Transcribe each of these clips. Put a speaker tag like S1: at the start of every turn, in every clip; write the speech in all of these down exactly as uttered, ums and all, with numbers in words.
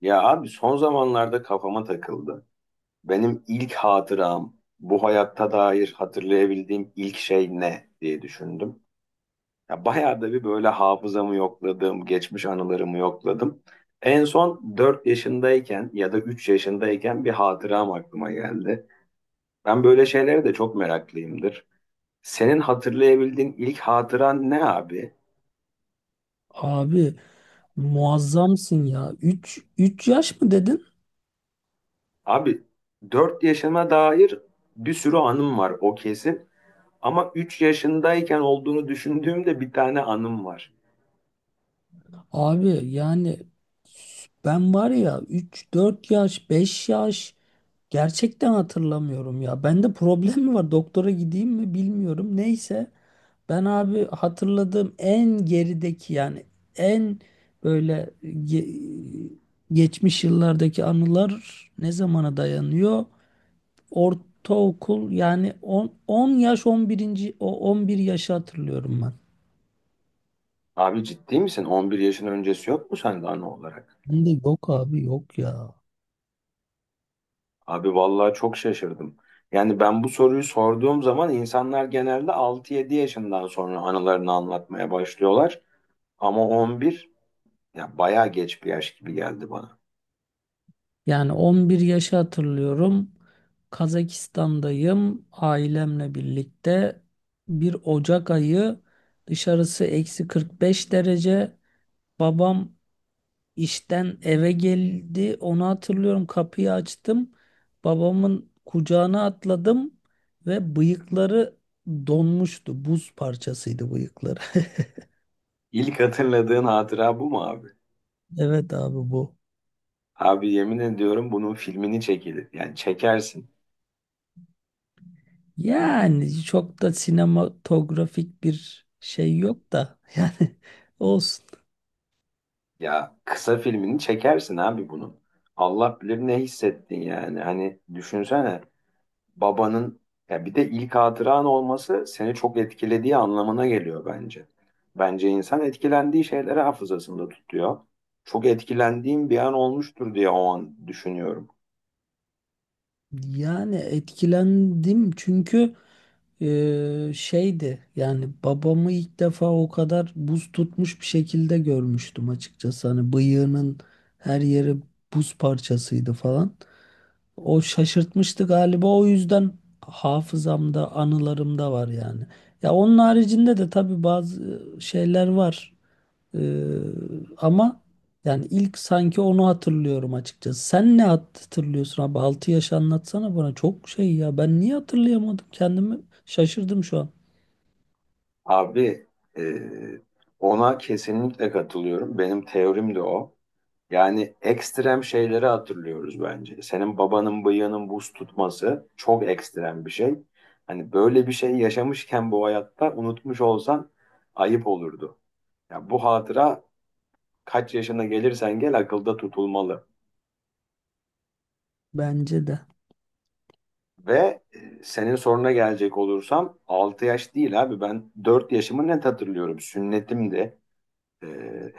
S1: Ya abi son zamanlarda kafama takıldı. Benim ilk hatıram, bu hayatta dair hatırlayabildiğim ilk şey ne diye düşündüm. Ya bayağı da bir böyle hafızamı yokladım, geçmiş anılarımı yokladım. En son dört yaşındayken ya da üç yaşındayken bir hatıram aklıma geldi. Ben böyle şeylere de çok meraklıyımdır. Senin hatırlayabildiğin ilk hatıran ne abi?
S2: Abi muazzamsın ya. üç üç yaş mı dedin?
S1: Abi dört yaşıma dair bir sürü anım var, o kesin. Ama üç yaşındayken olduğunu düşündüğümde bir tane anım var.
S2: Abi yani ben var ya üç dört yaş, beş yaş gerçekten hatırlamıyorum ya. Bende problem mi var? Doktora gideyim mi bilmiyorum. Neyse ben abi hatırladığım en gerideki yani en böyle ge- geçmiş yıllardaki anılar ne zamana dayanıyor? Ortaokul yani on, on yaş on bir O on bir yaşı hatırlıyorum ben.
S1: Abi ciddi misin? On bir yaşın öncesi yok mu sende anı olarak?
S2: Ben de yok abi yok ya.
S1: Abi vallahi çok şaşırdım. Yani ben bu soruyu sorduğum zaman insanlar genelde altı yedi yaşından sonra anılarını anlatmaya başlıyorlar. Ama on bir, ya bayağı geç bir yaş gibi geldi bana.
S2: Yani on bir yaşı hatırlıyorum. Kazakistan'dayım ailemle birlikte. Bir Ocak ayı dışarısı eksi kırk beş derece. Babam İşten eve geldi. Onu hatırlıyorum. Kapıyı açtım. Babamın kucağına atladım ve bıyıkları donmuştu. Buz parçasıydı bıyıkları.
S1: İlk hatırladığın hatıra bu mu abi?
S2: Evet abi bu.
S1: Abi yemin ediyorum bunun filmini çekilir. Yani çekersin.
S2: Yani çok da sinematografik bir şey yok da yani olsun.
S1: Ya kısa filmini çekersin abi bunun. Allah bilir ne hissettin yani. Hani düşünsene, babanın, ya bir de ilk hatıran olması seni çok etkilediği anlamına geliyor bence. Bence insan etkilendiği şeyleri hafızasında tutuyor. Çok etkilendiğim bir an olmuştur diye o an düşünüyorum.
S2: Yani etkilendim çünkü e, şeydi yani babamı ilk defa o kadar buz tutmuş bir şekilde görmüştüm açıkçası. Hani bıyığının her yeri buz parçasıydı falan. O şaşırtmıştı galiba, o yüzden hafızamda, anılarımda var yani. Ya onun haricinde de tabii bazı şeyler var. Ee, ama yani ilk sanki onu hatırlıyorum açıkçası. Sen ne hatırlıyorsun abi? Altı yaş anlatsana bana. Çok şey ya. Ben niye hatırlayamadım? Kendimi şaşırdım şu an.
S1: Abi e, ona kesinlikle katılıyorum. Benim teorim de o. Yani ekstrem şeyleri hatırlıyoruz bence. Senin babanın bıyığının buz tutması çok ekstrem bir şey. Hani böyle bir şey yaşamışken bu hayatta unutmuş olsan ayıp olurdu. Ya bu hatıra kaç yaşına gelirsen gel akılda tutulmalı.
S2: Bence de.
S1: Ve e, senin soruna gelecek olursam altı yaş değil abi, ben dört yaşımı net hatırlıyorum. Sünnetimdi. Ee,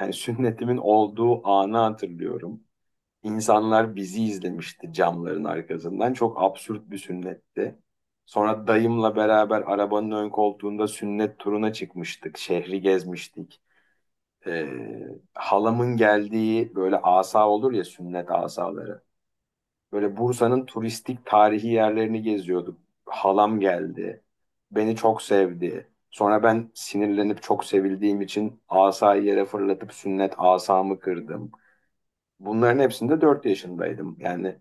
S1: yani sünnetimin olduğu anı hatırlıyorum. İnsanlar bizi izlemişti camların arkasından. Çok absürt bir sünnetti. Sonra dayımla beraber arabanın ön koltuğunda sünnet turuna çıkmıştık. Şehri gezmiştik. Ee, halamın geldiği böyle asa olur ya, sünnet asaları. Böyle Bursa'nın turistik tarihi yerlerini geziyorduk. Halam geldi. Beni çok sevdi. Sonra ben sinirlenip çok sevildiğim için asayı yere fırlatıp sünnet asamı kırdım. Bunların hepsinde dört yaşındaydım. Yani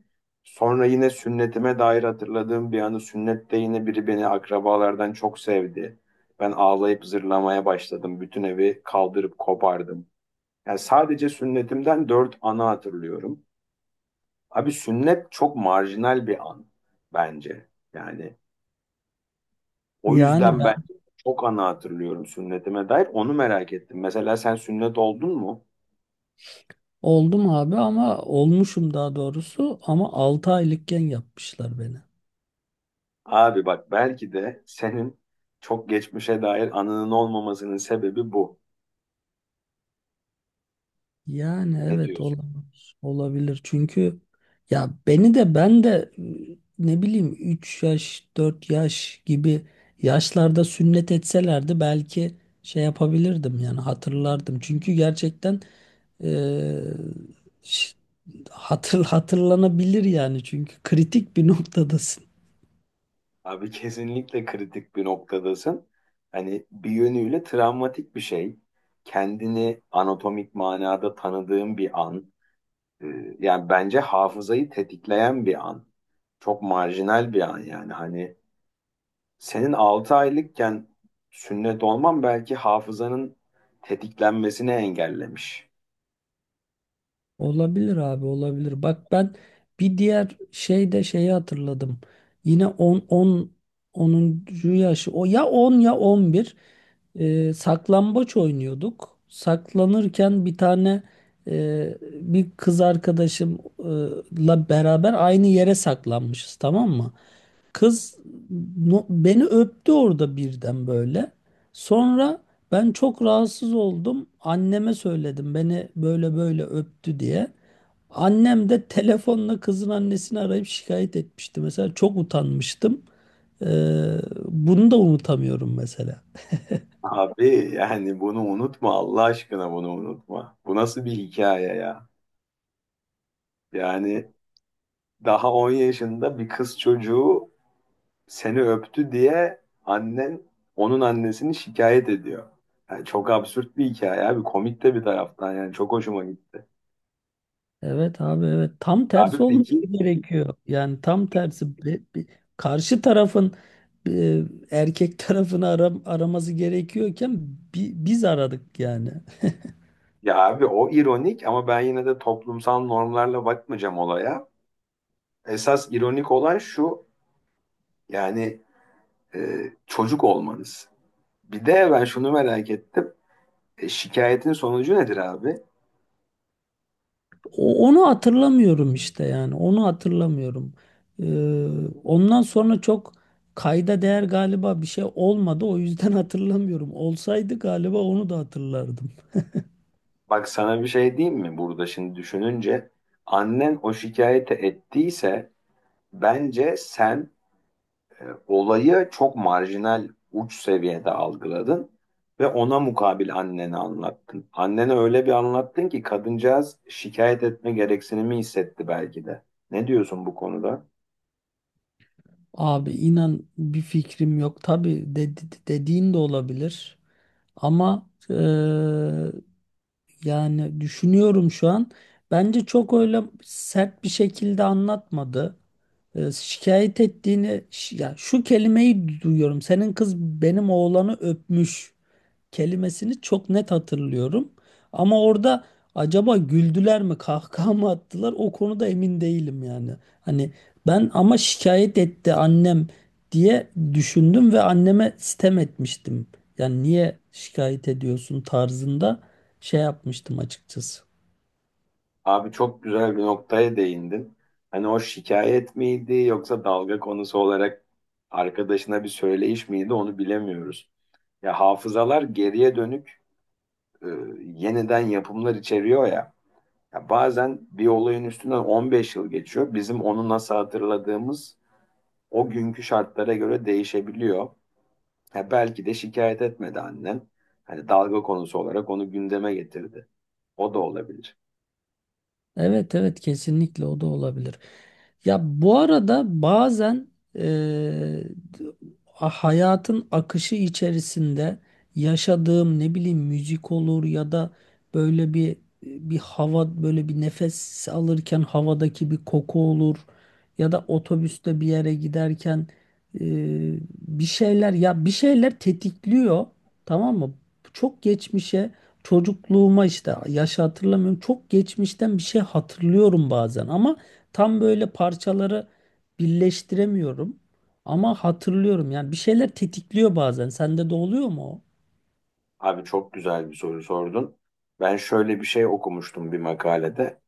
S1: sonra yine sünnetime dair hatırladığım bir anı, sünnette yine biri beni akrabalardan çok sevdi. Ben ağlayıp zırlamaya başladım. Bütün evi kaldırıp kopardım. Yani sadece sünnetimden dört anı hatırlıyorum. Abi sünnet çok marjinal bir an bence. Yani o
S2: Yani
S1: yüzden
S2: ben
S1: ben çok anı hatırlıyorum sünnetime dair. Onu merak ettim. Mesela sen sünnet oldun mu?
S2: oldum abi, ama olmuşum daha doğrusu, ama altı aylıkken yapmışlar beni.
S1: Abi bak, belki de senin çok geçmişe dair anının olmamasının sebebi bu.
S2: Yani
S1: Ne
S2: evet
S1: diyorsun?
S2: olabilir. Olabilir. Çünkü ya beni de ben de e, ne bileyim üç yaş dört yaş gibi yaşlarda sünnet etselerdi belki şey yapabilirdim yani hatırlardım. Çünkü gerçekten eee, ş- hatır, hatırlanabilir yani, çünkü kritik bir noktada.
S1: Abi kesinlikle kritik bir noktadasın. Hani bir yönüyle travmatik bir şey. Kendini anatomik manada tanıdığın bir an. Ee, Yani bence hafızayı tetikleyen bir an. Çok marjinal bir an yani. Hani senin altı aylıkken sünnet olman belki hafızanın tetiklenmesini engellemiş.
S2: Olabilir abi, olabilir. Bak ben bir diğer şey de, şeyi hatırladım. Yine on on onuncu yaşı. O ya on ya on bir, e, saklambaç oynuyorduk. Saklanırken bir tane e, bir kız arkadaşımla beraber aynı yere saklanmışız, tamam mı? Kız no- beni öptü orada birden böyle. Sonra ben çok rahatsız oldum. Anneme söyledim beni böyle böyle öptü diye. Annem de telefonla kızın annesini arayıp şikayet etmişti. Mesela çok utanmıştım. Ee, bunu da unutamıyorum mesela.
S1: Abi yani bunu unutma, Allah aşkına bunu unutma. Bu nasıl bir hikaye ya? Yani daha on yaşında bir kız çocuğu seni öptü diye annen onun annesini şikayet ediyor. Yani çok absürt bir hikaye abi, komik de bir taraftan, yani çok hoşuma gitti.
S2: Evet abi, evet, tam
S1: Abi
S2: tersi olması
S1: peki,
S2: gerekiyor. Yani tam tersi, Be- be- karşı tarafın e, erkek tarafını ara- araması gerekiyorken bi- biz aradık yani.
S1: ya abi, o ironik ama ben yine de toplumsal normlarla bakmayacağım olaya. Esas ironik olan şu, yani e, çocuk olmanız. Bir de ben şunu merak ettim. E, Şikayetin sonucu nedir abi?
S2: O- Onu hatırlamıyorum işte yani. Onu hatırlamıyorum. Ee, ondan sonra çok kayda değer galiba bir şey olmadı. O yüzden hatırlamıyorum. Olsaydı galiba onu da hatırlardım.
S1: Bak sana bir şey diyeyim mi burada şimdi düşününce? Annen o şikayeti ettiyse bence sen e, olayı çok marjinal uç seviyede algıladın ve ona mukabil anneni anlattın. Annene öyle bir anlattın ki kadıncağız şikayet etme gereksinimi hissetti belki de. Ne diyorsun bu konuda?
S2: Abi inan bir fikrim yok. Tabii dedi, dediğin de olabilir. Ama eee, yani düşünüyorum şu an. Bence çok öyle sert bir şekilde anlatmadı. Ee, şikayet ettiğini ş- ya şu kelimeyi duyuyorum. Senin kız benim oğlanı öpmüş kelimesini çok net hatırlıyorum. Ama orada acaba güldüler mi, kahkaha mı attılar? O konuda emin değilim yani. Hani ben ama şikayet etti annem diye düşündüm ve anneme sitem etmiştim. Yani niye şikayet ediyorsun tarzında şey yapmıştım açıkçası.
S1: Abi çok güzel bir noktaya değindin. Hani o şikayet miydi yoksa dalga konusu olarak arkadaşına bir söyleyiş miydi, onu bilemiyoruz. Ya hafızalar geriye dönük e, yeniden yapımlar içeriyor ya. Ya bazen bir olayın üstünden on beş yıl geçiyor. Bizim onu nasıl hatırladığımız o günkü şartlara göre değişebiliyor. Ya belki de şikayet etmedi annen. Hani dalga konusu olarak onu gündeme getirdi. O da olabilir.
S2: Evet, evet, kesinlikle o da olabilir. Ya bu arada bazen eee, hayatın akışı içerisinde yaşadığım, ne bileyim, müzik olur ya da böyle bir bir hava, böyle bir nefes alırken havadaki bir koku olur ya da otobüste bir yere giderken eee, bir şeyler ya bir şeyler tetikliyor, tamam mı? Çok geçmişe Çocukluğuma işte, yaşı hatırlamıyorum. Çok geçmişten bir şey hatırlıyorum bazen ama tam böyle parçaları birleştiremiyorum. Ama hatırlıyorum yani, bir şeyler tetikliyor bazen. Sende de oluyor mu o?
S1: Abi çok güzel bir soru sordun. Ben şöyle bir şey okumuştum bir makalede.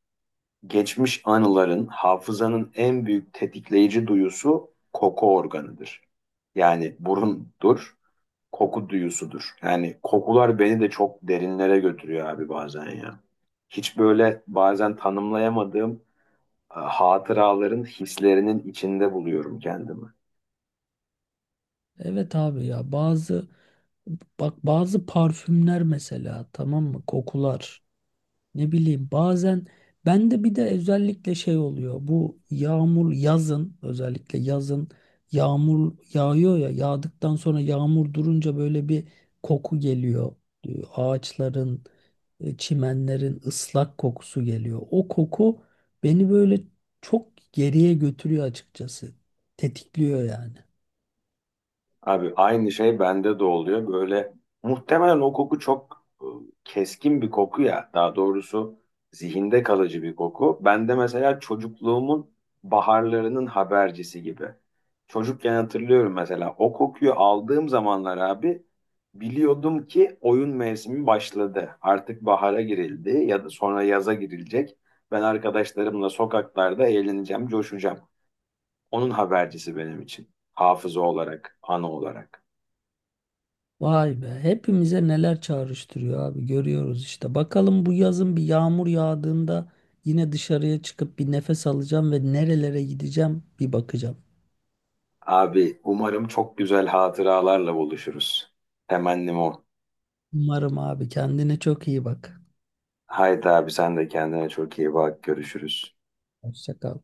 S1: Geçmiş anıların, hafızanın en büyük tetikleyici duyusu koku organıdır. Yani burundur, koku duyusudur. Yani kokular beni de çok derinlere götürüyor abi bazen ya. Hiç böyle bazen tanımlayamadığım e, hatıraların, hislerinin içinde buluyorum kendimi.
S2: Evet abi, ya bazı bak bazı parfümler mesela, tamam mı, kokular. Ne bileyim bazen bende bir de özellikle şey oluyor. Bu yağmur, yazın, özellikle yazın yağmur yağıyor ya, yağdıktan sonra yağmur durunca böyle bir koku geliyor. Ee, Ağaçların, e, çimenlerin ıslak kokusu geliyor. O koku beni böyle çok geriye götürüyor açıkçası. Tetikliyor yani.
S1: Abi aynı şey bende de oluyor. Böyle muhtemelen o koku çok e, keskin bir koku ya. Daha doğrusu zihinde kalıcı bir koku. Bende mesela çocukluğumun baharlarının habercisi gibi. Çocukken hatırlıyorum, mesela o kokuyu aldığım zamanlar abi, biliyordum ki oyun mevsimi başladı. Artık bahara girildi ya da sonra yaza girilecek. Ben arkadaşlarımla sokaklarda eğleneceğim, coşacağım. Onun habercisi benim için. Hafıza olarak, anı olarak.
S2: Vay be, hepimize neler çağrıştırıyor abi, görüyoruz işte. Bakalım bu yazın bir yağmur yağdığında yine dışarıya çıkıp bir nefes alacağım ve nerelere gideceğim bir bakacağım.
S1: Abi umarım çok güzel hatıralarla buluşuruz. Temennim o.
S2: Umarım abi, kendine çok iyi bak.
S1: Haydi abi sen de kendine çok iyi bak. Görüşürüz.
S2: Hoşça kal.